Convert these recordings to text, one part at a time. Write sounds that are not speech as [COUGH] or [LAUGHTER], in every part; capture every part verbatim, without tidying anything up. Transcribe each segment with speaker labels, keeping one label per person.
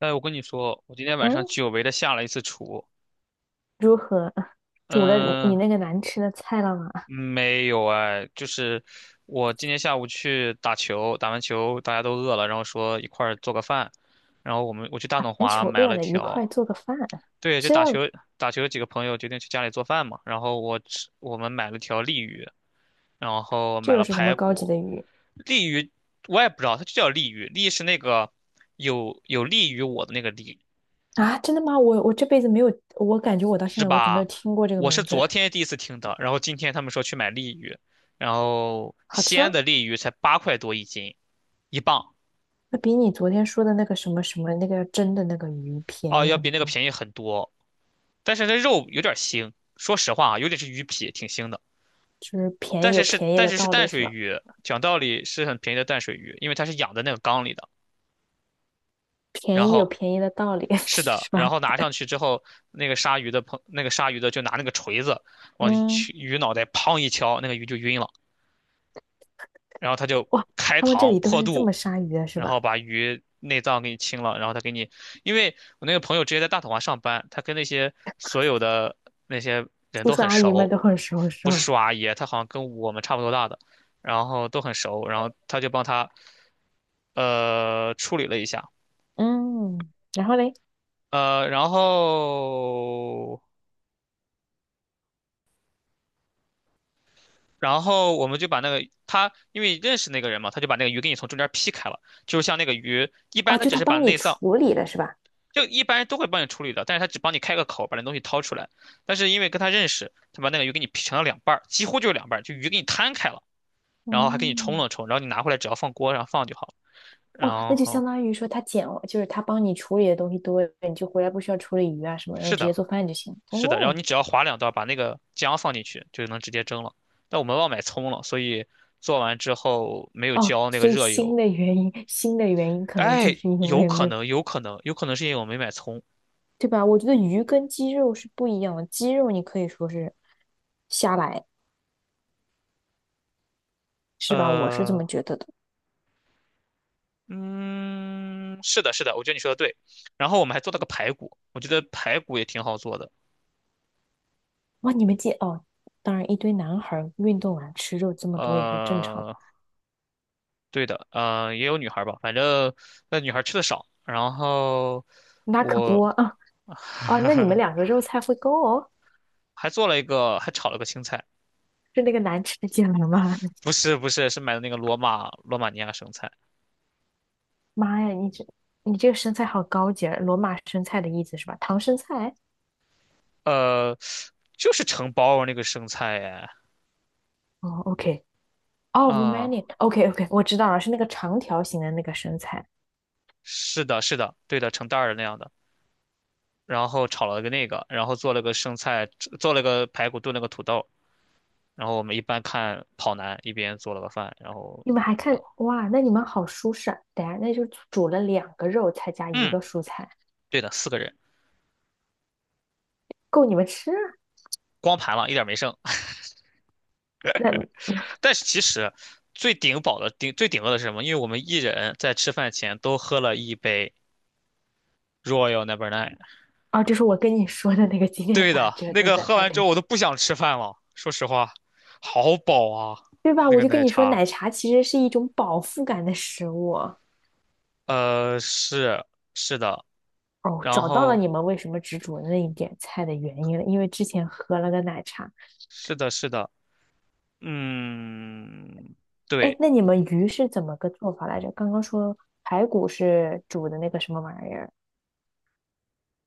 Speaker 1: 哎，我跟你说，我今天晚上
Speaker 2: 嗯，
Speaker 1: 久违的下了一次厨。
Speaker 2: 如何？煮了你
Speaker 1: 嗯，
Speaker 2: 那个难吃的菜了吗？
Speaker 1: 没有哎，就是我今天下午去打球，打完球大家都饿了，然后说一块儿做个饭，然后我们我去大董
Speaker 2: 全
Speaker 1: 华
Speaker 2: 求
Speaker 1: 买
Speaker 2: 饿
Speaker 1: 了
Speaker 2: 了，一
Speaker 1: 条，
Speaker 2: 块做个饭。
Speaker 1: 对，就
Speaker 2: 这
Speaker 1: 打球打球几个朋友决定去家里做饭嘛，然后我吃我们买了条鲤鱼，然后
Speaker 2: 这
Speaker 1: 买
Speaker 2: 又
Speaker 1: 了
Speaker 2: 是什么
Speaker 1: 排
Speaker 2: 高级
Speaker 1: 骨，
Speaker 2: 的鱼
Speaker 1: 鲤鱼我也不知道，它就叫鲤鱼，鲤是那个有有利于我的那个鲤，
Speaker 2: 啊？真的吗？我我这辈子没有，我感觉我到现
Speaker 1: 是
Speaker 2: 在为止没有
Speaker 1: 吧？
Speaker 2: 听过这个
Speaker 1: 我是
Speaker 2: 名字。
Speaker 1: 昨天第一次听的，然后今天他们说去买鲤鱼，然后
Speaker 2: 好
Speaker 1: 西
Speaker 2: 吃吗？
Speaker 1: 安的鲤鱼才八块多一斤，一磅，
Speaker 2: 那比你昨天说的那个什么什么那个蒸的那个鱼便
Speaker 1: 哦，
Speaker 2: 宜
Speaker 1: 要比
Speaker 2: 很
Speaker 1: 那个
Speaker 2: 多，
Speaker 1: 便宜很多。但是那肉有点腥，说实话啊，有点是鱼皮，挺腥的。
Speaker 2: 就是便
Speaker 1: 但
Speaker 2: 宜有
Speaker 1: 是是
Speaker 2: 便宜
Speaker 1: 但
Speaker 2: 的
Speaker 1: 是是
Speaker 2: 道
Speaker 1: 淡
Speaker 2: 理是
Speaker 1: 水
Speaker 2: 吧？
Speaker 1: 鱼，讲道理是很便宜的淡水鱼，因为它是养在那个缸里的。然
Speaker 2: 便宜有
Speaker 1: 后
Speaker 2: 便宜的道理 [LAUGHS]
Speaker 1: 是的，
Speaker 2: 是
Speaker 1: 然
Speaker 2: 吧？
Speaker 1: 后拿上去之后，那个杀鱼的朋那个杀鱼的就拿那个锤子往
Speaker 2: 嗯，
Speaker 1: 去鱼脑袋砰一敲，那个鱼就晕了，然后他就
Speaker 2: 哇，
Speaker 1: 开
Speaker 2: 他们这
Speaker 1: 膛
Speaker 2: 里都
Speaker 1: 破
Speaker 2: 是这
Speaker 1: 肚，
Speaker 2: 么杀鱼的是
Speaker 1: 然后
Speaker 2: 吧？
Speaker 1: 把鱼内脏给你清了，然后他给你，因为我那个朋友直接在大统华上班，他跟那些所有的那些人
Speaker 2: 叔
Speaker 1: 都
Speaker 2: 叔
Speaker 1: 很
Speaker 2: 阿姨们
Speaker 1: 熟，
Speaker 2: 都很熟是
Speaker 1: 不是
Speaker 2: 吧？
Speaker 1: 叔阿姨，他好像跟我们差不多大的，然后都很熟，然后他就帮他呃处理了一下，
Speaker 2: 嗯，然后嘞？
Speaker 1: 呃，然后然后我们就把那个他因为认识那个人嘛，他就把那个鱼给你从中间劈开了，就是像那个鱼一般，
Speaker 2: 哦，
Speaker 1: 他
Speaker 2: 就
Speaker 1: 只
Speaker 2: 他
Speaker 1: 是把
Speaker 2: 帮你
Speaker 1: 内脏
Speaker 2: 处理了是吧？
Speaker 1: 就一般人都会帮你处理的，但是他只帮你开个口，把那东西掏出来。但是因为跟他认识，他把那个鱼给你劈成了两半儿，几乎就是两半儿，就鱼给你摊开了，然后还给你冲了
Speaker 2: 嗯，
Speaker 1: 冲，然后你拿回来只要放锅上放就好了。
Speaker 2: 哇，
Speaker 1: 然
Speaker 2: 那就
Speaker 1: 后
Speaker 2: 相当于说他捡，就是他帮你处理的东西多了，你就回来不需要处理鱼啊什么，然后
Speaker 1: 是
Speaker 2: 直
Speaker 1: 的，
Speaker 2: 接做饭就行。
Speaker 1: 是的，然后
Speaker 2: 哦
Speaker 1: 你只要划两刀，把那个姜放进去，就能直接蒸了。但我们忘买葱了，所以做完之后没有
Speaker 2: 哦，
Speaker 1: 浇那个
Speaker 2: 所以
Speaker 1: 热
Speaker 2: 新
Speaker 1: 油。
Speaker 2: 的原因，新的原因可能就
Speaker 1: 哎，
Speaker 2: 是因
Speaker 1: 有
Speaker 2: 为没
Speaker 1: 可
Speaker 2: 有，
Speaker 1: 能，有可能，有可能是因为我没买葱。
Speaker 2: 对吧？我觉得鱼跟鸡肉是不一样的，鸡肉你可以说是瞎来，是吧？我是这
Speaker 1: 呃，
Speaker 2: 么觉得的。
Speaker 1: 嗯，是的，是的，我觉得你说的对。然后我们还做了个排骨，我觉得排骨也挺好做的。
Speaker 2: 哇，你们鸡哦，当然一堆男孩儿运动完吃肉这么多也是正常的，
Speaker 1: 呃，对的，呃，也有女孩儿吧，反正那女孩儿吃的少。然后
Speaker 2: 那可不
Speaker 1: 我
Speaker 2: 啊。啊，那你们两个肉菜会够。哦。
Speaker 1: 还做了一个，还炒了个青菜，
Speaker 2: 是那个难吃的芥蓝吗？
Speaker 1: 不
Speaker 2: [LAUGHS]
Speaker 1: 是不是，是买的那个罗马罗马尼亚生菜，
Speaker 2: 妈呀，你这你这个生菜好高级啊罗马生菜的意思是吧？唐生菜？
Speaker 1: 呃，就是成包儿那个生菜哎，
Speaker 2: 哦，OK，哦 r o m a
Speaker 1: 啊、
Speaker 2: n i a o k OK，我知道了，是那个长条形的那个生菜。
Speaker 1: 是的，是的，对的，成袋儿的那样的。然后炒了个那个，然后做了个生菜，做了个排骨炖了个土豆，然后我们一般看跑男，一边做了个饭，然后，
Speaker 2: 你们还
Speaker 1: 嗯，
Speaker 2: 看哇？那你们好舒适啊！等下，那就煮了两个肉，再加一
Speaker 1: 嗯
Speaker 2: 个蔬菜，
Speaker 1: 对的，四个人
Speaker 2: 够你们吃啊。
Speaker 1: 光盘了，一点没剩。[LAUGHS]
Speaker 2: 那
Speaker 1: 但是其实最顶饱的顶最顶饿的是什么？因为我们一人在吃饭前都喝了一杯 Royal Number Nine。
Speaker 2: 啊，就是我跟你说的那个今天
Speaker 1: 对
Speaker 2: 打
Speaker 1: 的，
Speaker 2: 折
Speaker 1: 那
Speaker 2: 的
Speaker 1: 个
Speaker 2: 在
Speaker 1: 喝
Speaker 2: 案
Speaker 1: 完之后
Speaker 2: 例，
Speaker 1: 我都不想吃饭了，说实话，好饱啊，
Speaker 2: 对吧？
Speaker 1: 那
Speaker 2: 我
Speaker 1: 个
Speaker 2: 就跟
Speaker 1: 奶
Speaker 2: 你说，
Speaker 1: 茶。
Speaker 2: 奶茶其实是一种饱腹感的食物。
Speaker 1: 呃，是是的，
Speaker 2: 哦，
Speaker 1: 然
Speaker 2: 找到了
Speaker 1: 后
Speaker 2: 你们为什么只煮那一点菜的原因了，因为之前喝了个奶茶。
Speaker 1: 是的是的，嗯，
Speaker 2: 哎，
Speaker 1: 对，
Speaker 2: 那你们鱼是怎么个做法来着？刚刚说排骨是煮的那个什么玩意儿？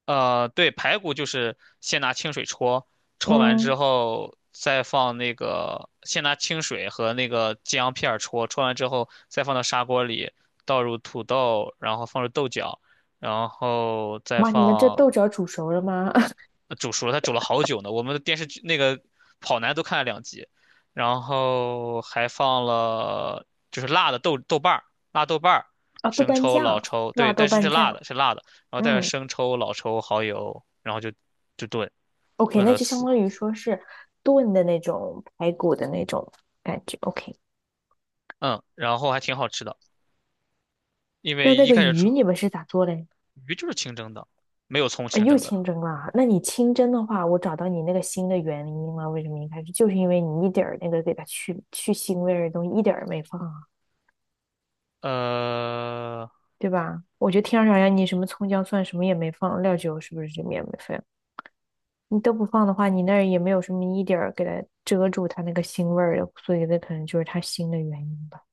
Speaker 1: 呃，对，排骨就是先拿清水焯，焯完之
Speaker 2: 嗯，
Speaker 1: 后再放那个，先拿清水和那个姜片儿焯，焯完之后再放到砂锅里，倒入土豆，然后放入豆角，然后再
Speaker 2: 哇，你们这
Speaker 1: 放
Speaker 2: 豆角煮熟了吗？[LAUGHS]
Speaker 1: 呃煮熟了，它煮了好久呢。我们的电视剧那个跑男都看了两集，然后还放了就是辣的豆豆瓣儿、辣豆瓣儿、
Speaker 2: 啊，豆
Speaker 1: 生
Speaker 2: 瓣
Speaker 1: 抽、老
Speaker 2: 酱，
Speaker 1: 抽，对，
Speaker 2: 辣豆
Speaker 1: 但是是
Speaker 2: 瓣
Speaker 1: 辣
Speaker 2: 酱。
Speaker 1: 的，是辣的，然后带着
Speaker 2: 嗯
Speaker 1: 生抽、老抽、蚝油，然后就就炖
Speaker 2: ，OK，
Speaker 1: 炖
Speaker 2: 那
Speaker 1: 了
Speaker 2: 就相
Speaker 1: 死，
Speaker 2: 当于说是炖的那种排骨的那种感觉。OK，
Speaker 1: 嗯，然后还挺好吃的，因
Speaker 2: 那
Speaker 1: 为
Speaker 2: 那
Speaker 1: 一
Speaker 2: 个
Speaker 1: 开始吃
Speaker 2: 鱼你们是咋做嘞？
Speaker 1: 鱼就是清蒸的，没有葱
Speaker 2: 啊，
Speaker 1: 清
Speaker 2: 又
Speaker 1: 蒸的，
Speaker 2: 清蒸了。那你清蒸的话，我找到你那个腥的原因了。为什么一开始就是因为你一点儿那个给它去去腥味儿的东西一点儿没放啊，
Speaker 1: 呃，
Speaker 2: 对吧？我觉得天上好像你什么葱姜蒜什么也没放，料酒是不是这面也没放？你都不放的话，你那儿也没有什么一点儿给它遮住它那个腥味儿的，所以那可能就是它腥的原因吧。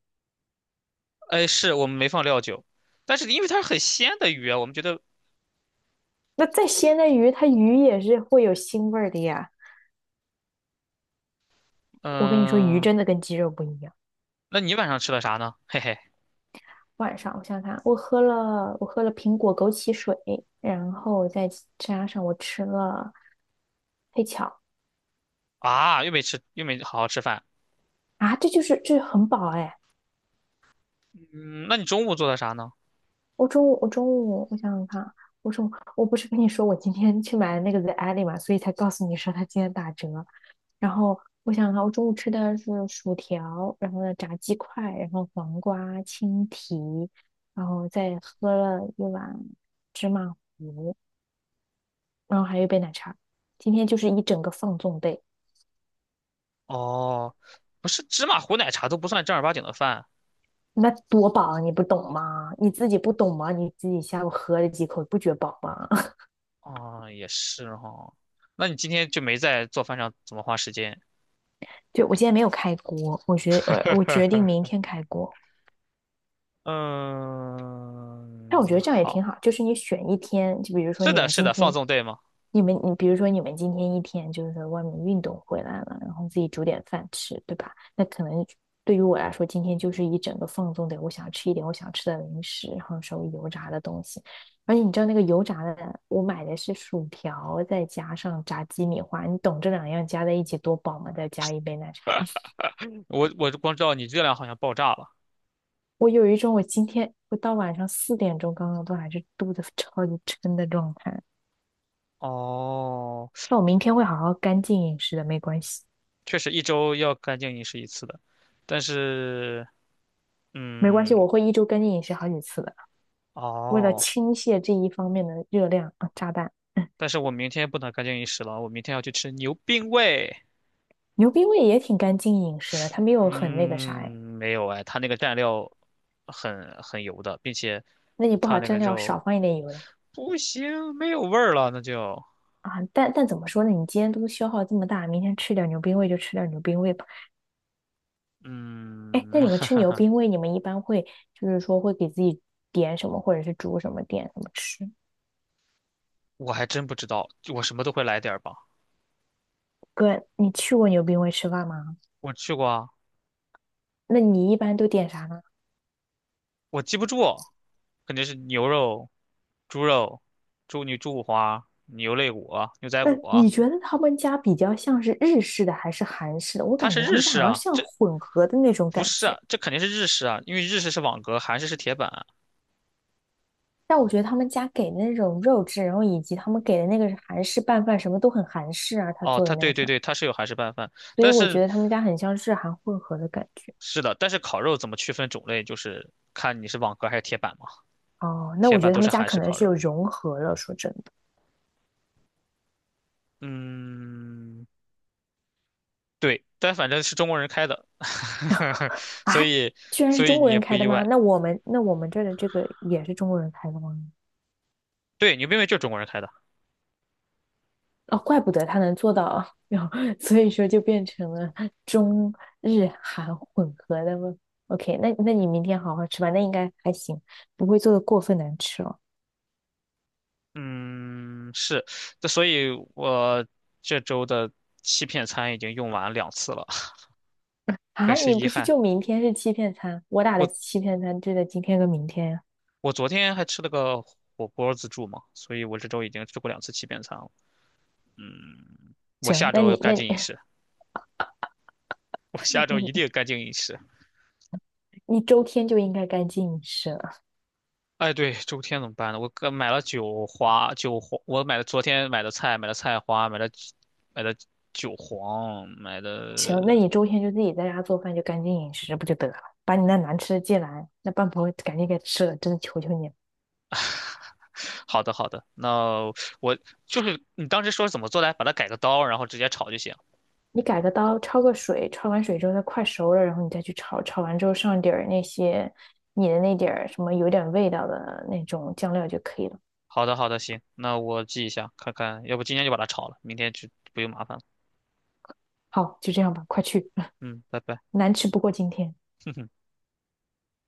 Speaker 1: 哎，是我们没放料酒，但是因为它是很鲜的鱼啊，我们觉得，
Speaker 2: 那再鲜的鱼，它鱼也是会有腥味儿的呀。我跟你说，鱼
Speaker 1: 嗯、
Speaker 2: 真的跟鸡肉不一样。
Speaker 1: 那你晚上吃了啥呢？嘿嘿。
Speaker 2: 晚上，我想想看，我喝了我喝了苹果枸杞水，然后再加上我吃了黑巧
Speaker 1: 啊，又没吃，又没好好吃饭。
Speaker 2: 啊，这就是这很饱哎。
Speaker 1: 嗯，那你中午做的啥呢？
Speaker 2: 我中午我中午我想想看，我中午我不是跟你说我今天去买了那个 The Alley 嘛，所以才告诉你说它今天打折。然后我想想看，我中午吃的是薯条，然后呢炸鸡块，然后黄瓜、青提，然后再喝了一碗芝麻，然后还有一杯奶茶。今天就是一整个放纵 day。
Speaker 1: 哦，不是芝麻糊奶茶都不算正儿八经的饭。
Speaker 2: 那多饱，你不懂吗？你自己不懂吗？你自己下午喝了几口，不觉饱吗？[LAUGHS]
Speaker 1: 哦，也是哈。那你今天就没在做饭上怎么花时间？
Speaker 2: 对，我今天没有开锅，我决我我决定明
Speaker 1: [LAUGHS]
Speaker 2: 天开锅。但我觉
Speaker 1: 嗯，
Speaker 2: 得这样也挺
Speaker 1: 好，
Speaker 2: 好，就是你选一天，就比如说
Speaker 1: 是
Speaker 2: 你
Speaker 1: 的，
Speaker 2: 们
Speaker 1: 是
Speaker 2: 今
Speaker 1: 的，放
Speaker 2: 天，
Speaker 1: 纵对吗？
Speaker 2: 你们你比如说你们今天一天就是在外面运动回来了，然后自己煮点饭吃，对吧？那可能对于我来说，今天就是一整个放纵的，我想吃一点我想吃的零食，然后稍微油炸的东西。而且你知道那个油炸的，我买的是薯条，再加上炸鸡米花，你懂这两样加在一起多饱吗？再加一杯奶茶，[LAUGHS]
Speaker 1: 我我光知道你热量好像爆炸了。
Speaker 2: 我有一种我今天我到晚上四点钟刚刚都还是肚子 [LAUGHS] 超级撑的状态。
Speaker 1: 哦，
Speaker 2: 那我明天会好好干净饮食的，没关系，
Speaker 1: 确实一周要干净饮食一次的，但是，
Speaker 2: 没关系，
Speaker 1: 嗯，
Speaker 2: 我会一周干净饮食好几次的，为了
Speaker 1: 哦。
Speaker 2: 倾泻这一方面的热量啊，炸弹。
Speaker 1: 但是我明天不能干净饮食了，我明天要去吃牛冰味。
Speaker 2: 牛逼味也挺干净饮食的，它没有很那个啥哎。
Speaker 1: 嗯，没有哎，它那个蘸料很很油的，并且
Speaker 2: 那你不
Speaker 1: 它
Speaker 2: 好
Speaker 1: 那
Speaker 2: 蘸
Speaker 1: 个
Speaker 2: 料
Speaker 1: 肉
Speaker 2: 少放一点油的
Speaker 1: 不行，没有味儿了，那就
Speaker 2: 啊。但但怎么说呢？你今天都消耗这么大，明天吃点牛冰味就吃点牛冰味吧。哎，
Speaker 1: 嗯，
Speaker 2: 那你们吃牛
Speaker 1: [LAUGHS]
Speaker 2: 冰味，你们一般会就是说会给自己点什么，或者是煮什么，点什么吃？
Speaker 1: 我还真不知道，我什么都会来点儿吧。
Speaker 2: 哥，你去过牛冰味吃饭吗？
Speaker 1: 我去过啊，
Speaker 2: 那你一般都点啥呢？
Speaker 1: 我记不住，肯定是牛肉、猪肉、猪牛猪五花、牛肋骨、牛仔
Speaker 2: 那
Speaker 1: 骨，
Speaker 2: 你觉得他们家比较像是日式的还是韩式的？我
Speaker 1: 它
Speaker 2: 感
Speaker 1: 是
Speaker 2: 觉他
Speaker 1: 日
Speaker 2: 们家
Speaker 1: 式
Speaker 2: 好像
Speaker 1: 啊，
Speaker 2: 像
Speaker 1: 这
Speaker 2: 混合的那种
Speaker 1: 不
Speaker 2: 感
Speaker 1: 是啊，
Speaker 2: 觉，
Speaker 1: 这肯定是日式啊，因为日式是网格，韩式是铁板。
Speaker 2: 但我觉得他们家给的那种肉质，然后以及他们给的那个是韩式拌饭，什么都很韩式啊，他
Speaker 1: 哦，
Speaker 2: 做的
Speaker 1: 它
Speaker 2: 那
Speaker 1: 对
Speaker 2: 个
Speaker 1: 对
Speaker 2: 饭，
Speaker 1: 对，它是有韩式拌饭，
Speaker 2: 所以
Speaker 1: 但
Speaker 2: 我觉
Speaker 1: 是
Speaker 2: 得他们家很像日韩混合的感觉。
Speaker 1: 是的，但是烤肉怎么区分种类，就是看你是网格还是铁板嘛。
Speaker 2: 哦，那
Speaker 1: 铁
Speaker 2: 我觉
Speaker 1: 板
Speaker 2: 得他
Speaker 1: 都
Speaker 2: 们
Speaker 1: 是
Speaker 2: 家
Speaker 1: 韩
Speaker 2: 可
Speaker 1: 式
Speaker 2: 能
Speaker 1: 烤
Speaker 2: 是有
Speaker 1: 肉，
Speaker 2: 融合了。说真的
Speaker 1: 嗯，对，但反正是中国人开的，[LAUGHS] 所
Speaker 2: 啊，
Speaker 1: 以
Speaker 2: 居然是
Speaker 1: 所以
Speaker 2: 中
Speaker 1: 你
Speaker 2: 国
Speaker 1: 也
Speaker 2: 人
Speaker 1: 不
Speaker 2: 开的
Speaker 1: 意
Speaker 2: 吗？
Speaker 1: 外。
Speaker 2: 那我们那我们这儿的这个也是中国人开的吗？
Speaker 1: 对，牛冰味就是中国人开的，
Speaker 2: 哦，怪不得他能做到啊，然后所以说就变成了中日韩混合的吗？OK，那那你明天好好吃吧，那应该还行，不会做的过分难吃哦。
Speaker 1: 嗯，是，这所以我这周的欺骗餐已经用完两次了，[LAUGHS]
Speaker 2: 啊，
Speaker 1: 很是
Speaker 2: 你
Speaker 1: 遗
Speaker 2: 不是
Speaker 1: 憾。
Speaker 2: 就明天是欺骗餐？我打的
Speaker 1: 我
Speaker 2: 欺骗餐就在今天跟明天呀。
Speaker 1: 我昨天还吃了个火锅自助嘛，所以我这周已经吃过两次欺骗餐了，嗯。我
Speaker 2: 行，
Speaker 1: 下
Speaker 2: 那
Speaker 1: 周
Speaker 2: 你
Speaker 1: 干
Speaker 2: 那你
Speaker 1: 净饮食，我下
Speaker 2: [LAUGHS] 那
Speaker 1: 周一定
Speaker 2: 你
Speaker 1: 干净饮食。
Speaker 2: 你周天就应该干净饮食了。
Speaker 1: 哎，对，周天怎么办呢？我刚买了韭花，韭黄，我买了昨天买的菜，买了菜花，买了买的韭黄，买
Speaker 2: 行，那
Speaker 1: 的。
Speaker 2: 你周天就自己在家做饭，就干净饮食不就得了？把你那难吃的芥蓝，那半盘赶紧给吃了，真的求求你了。
Speaker 1: 好的，好的，那我就是你当时说怎么做来，把它改个刀，然后直接炒就行。
Speaker 2: 你改个刀，焯个水，焯完水之后它快熟了，然后你再去炒，炒完之后上点儿那些你的那点儿什么有点味道的那种酱料就可以了。
Speaker 1: 好的，好的，行，那我记一下，看看，要不今天就把它炒了，明天就不用麻烦了。
Speaker 2: 好，就这样吧，快去，
Speaker 1: 嗯，拜
Speaker 2: [LAUGHS]
Speaker 1: 拜。
Speaker 2: 难吃不过今天。
Speaker 1: [LAUGHS] 哼哼。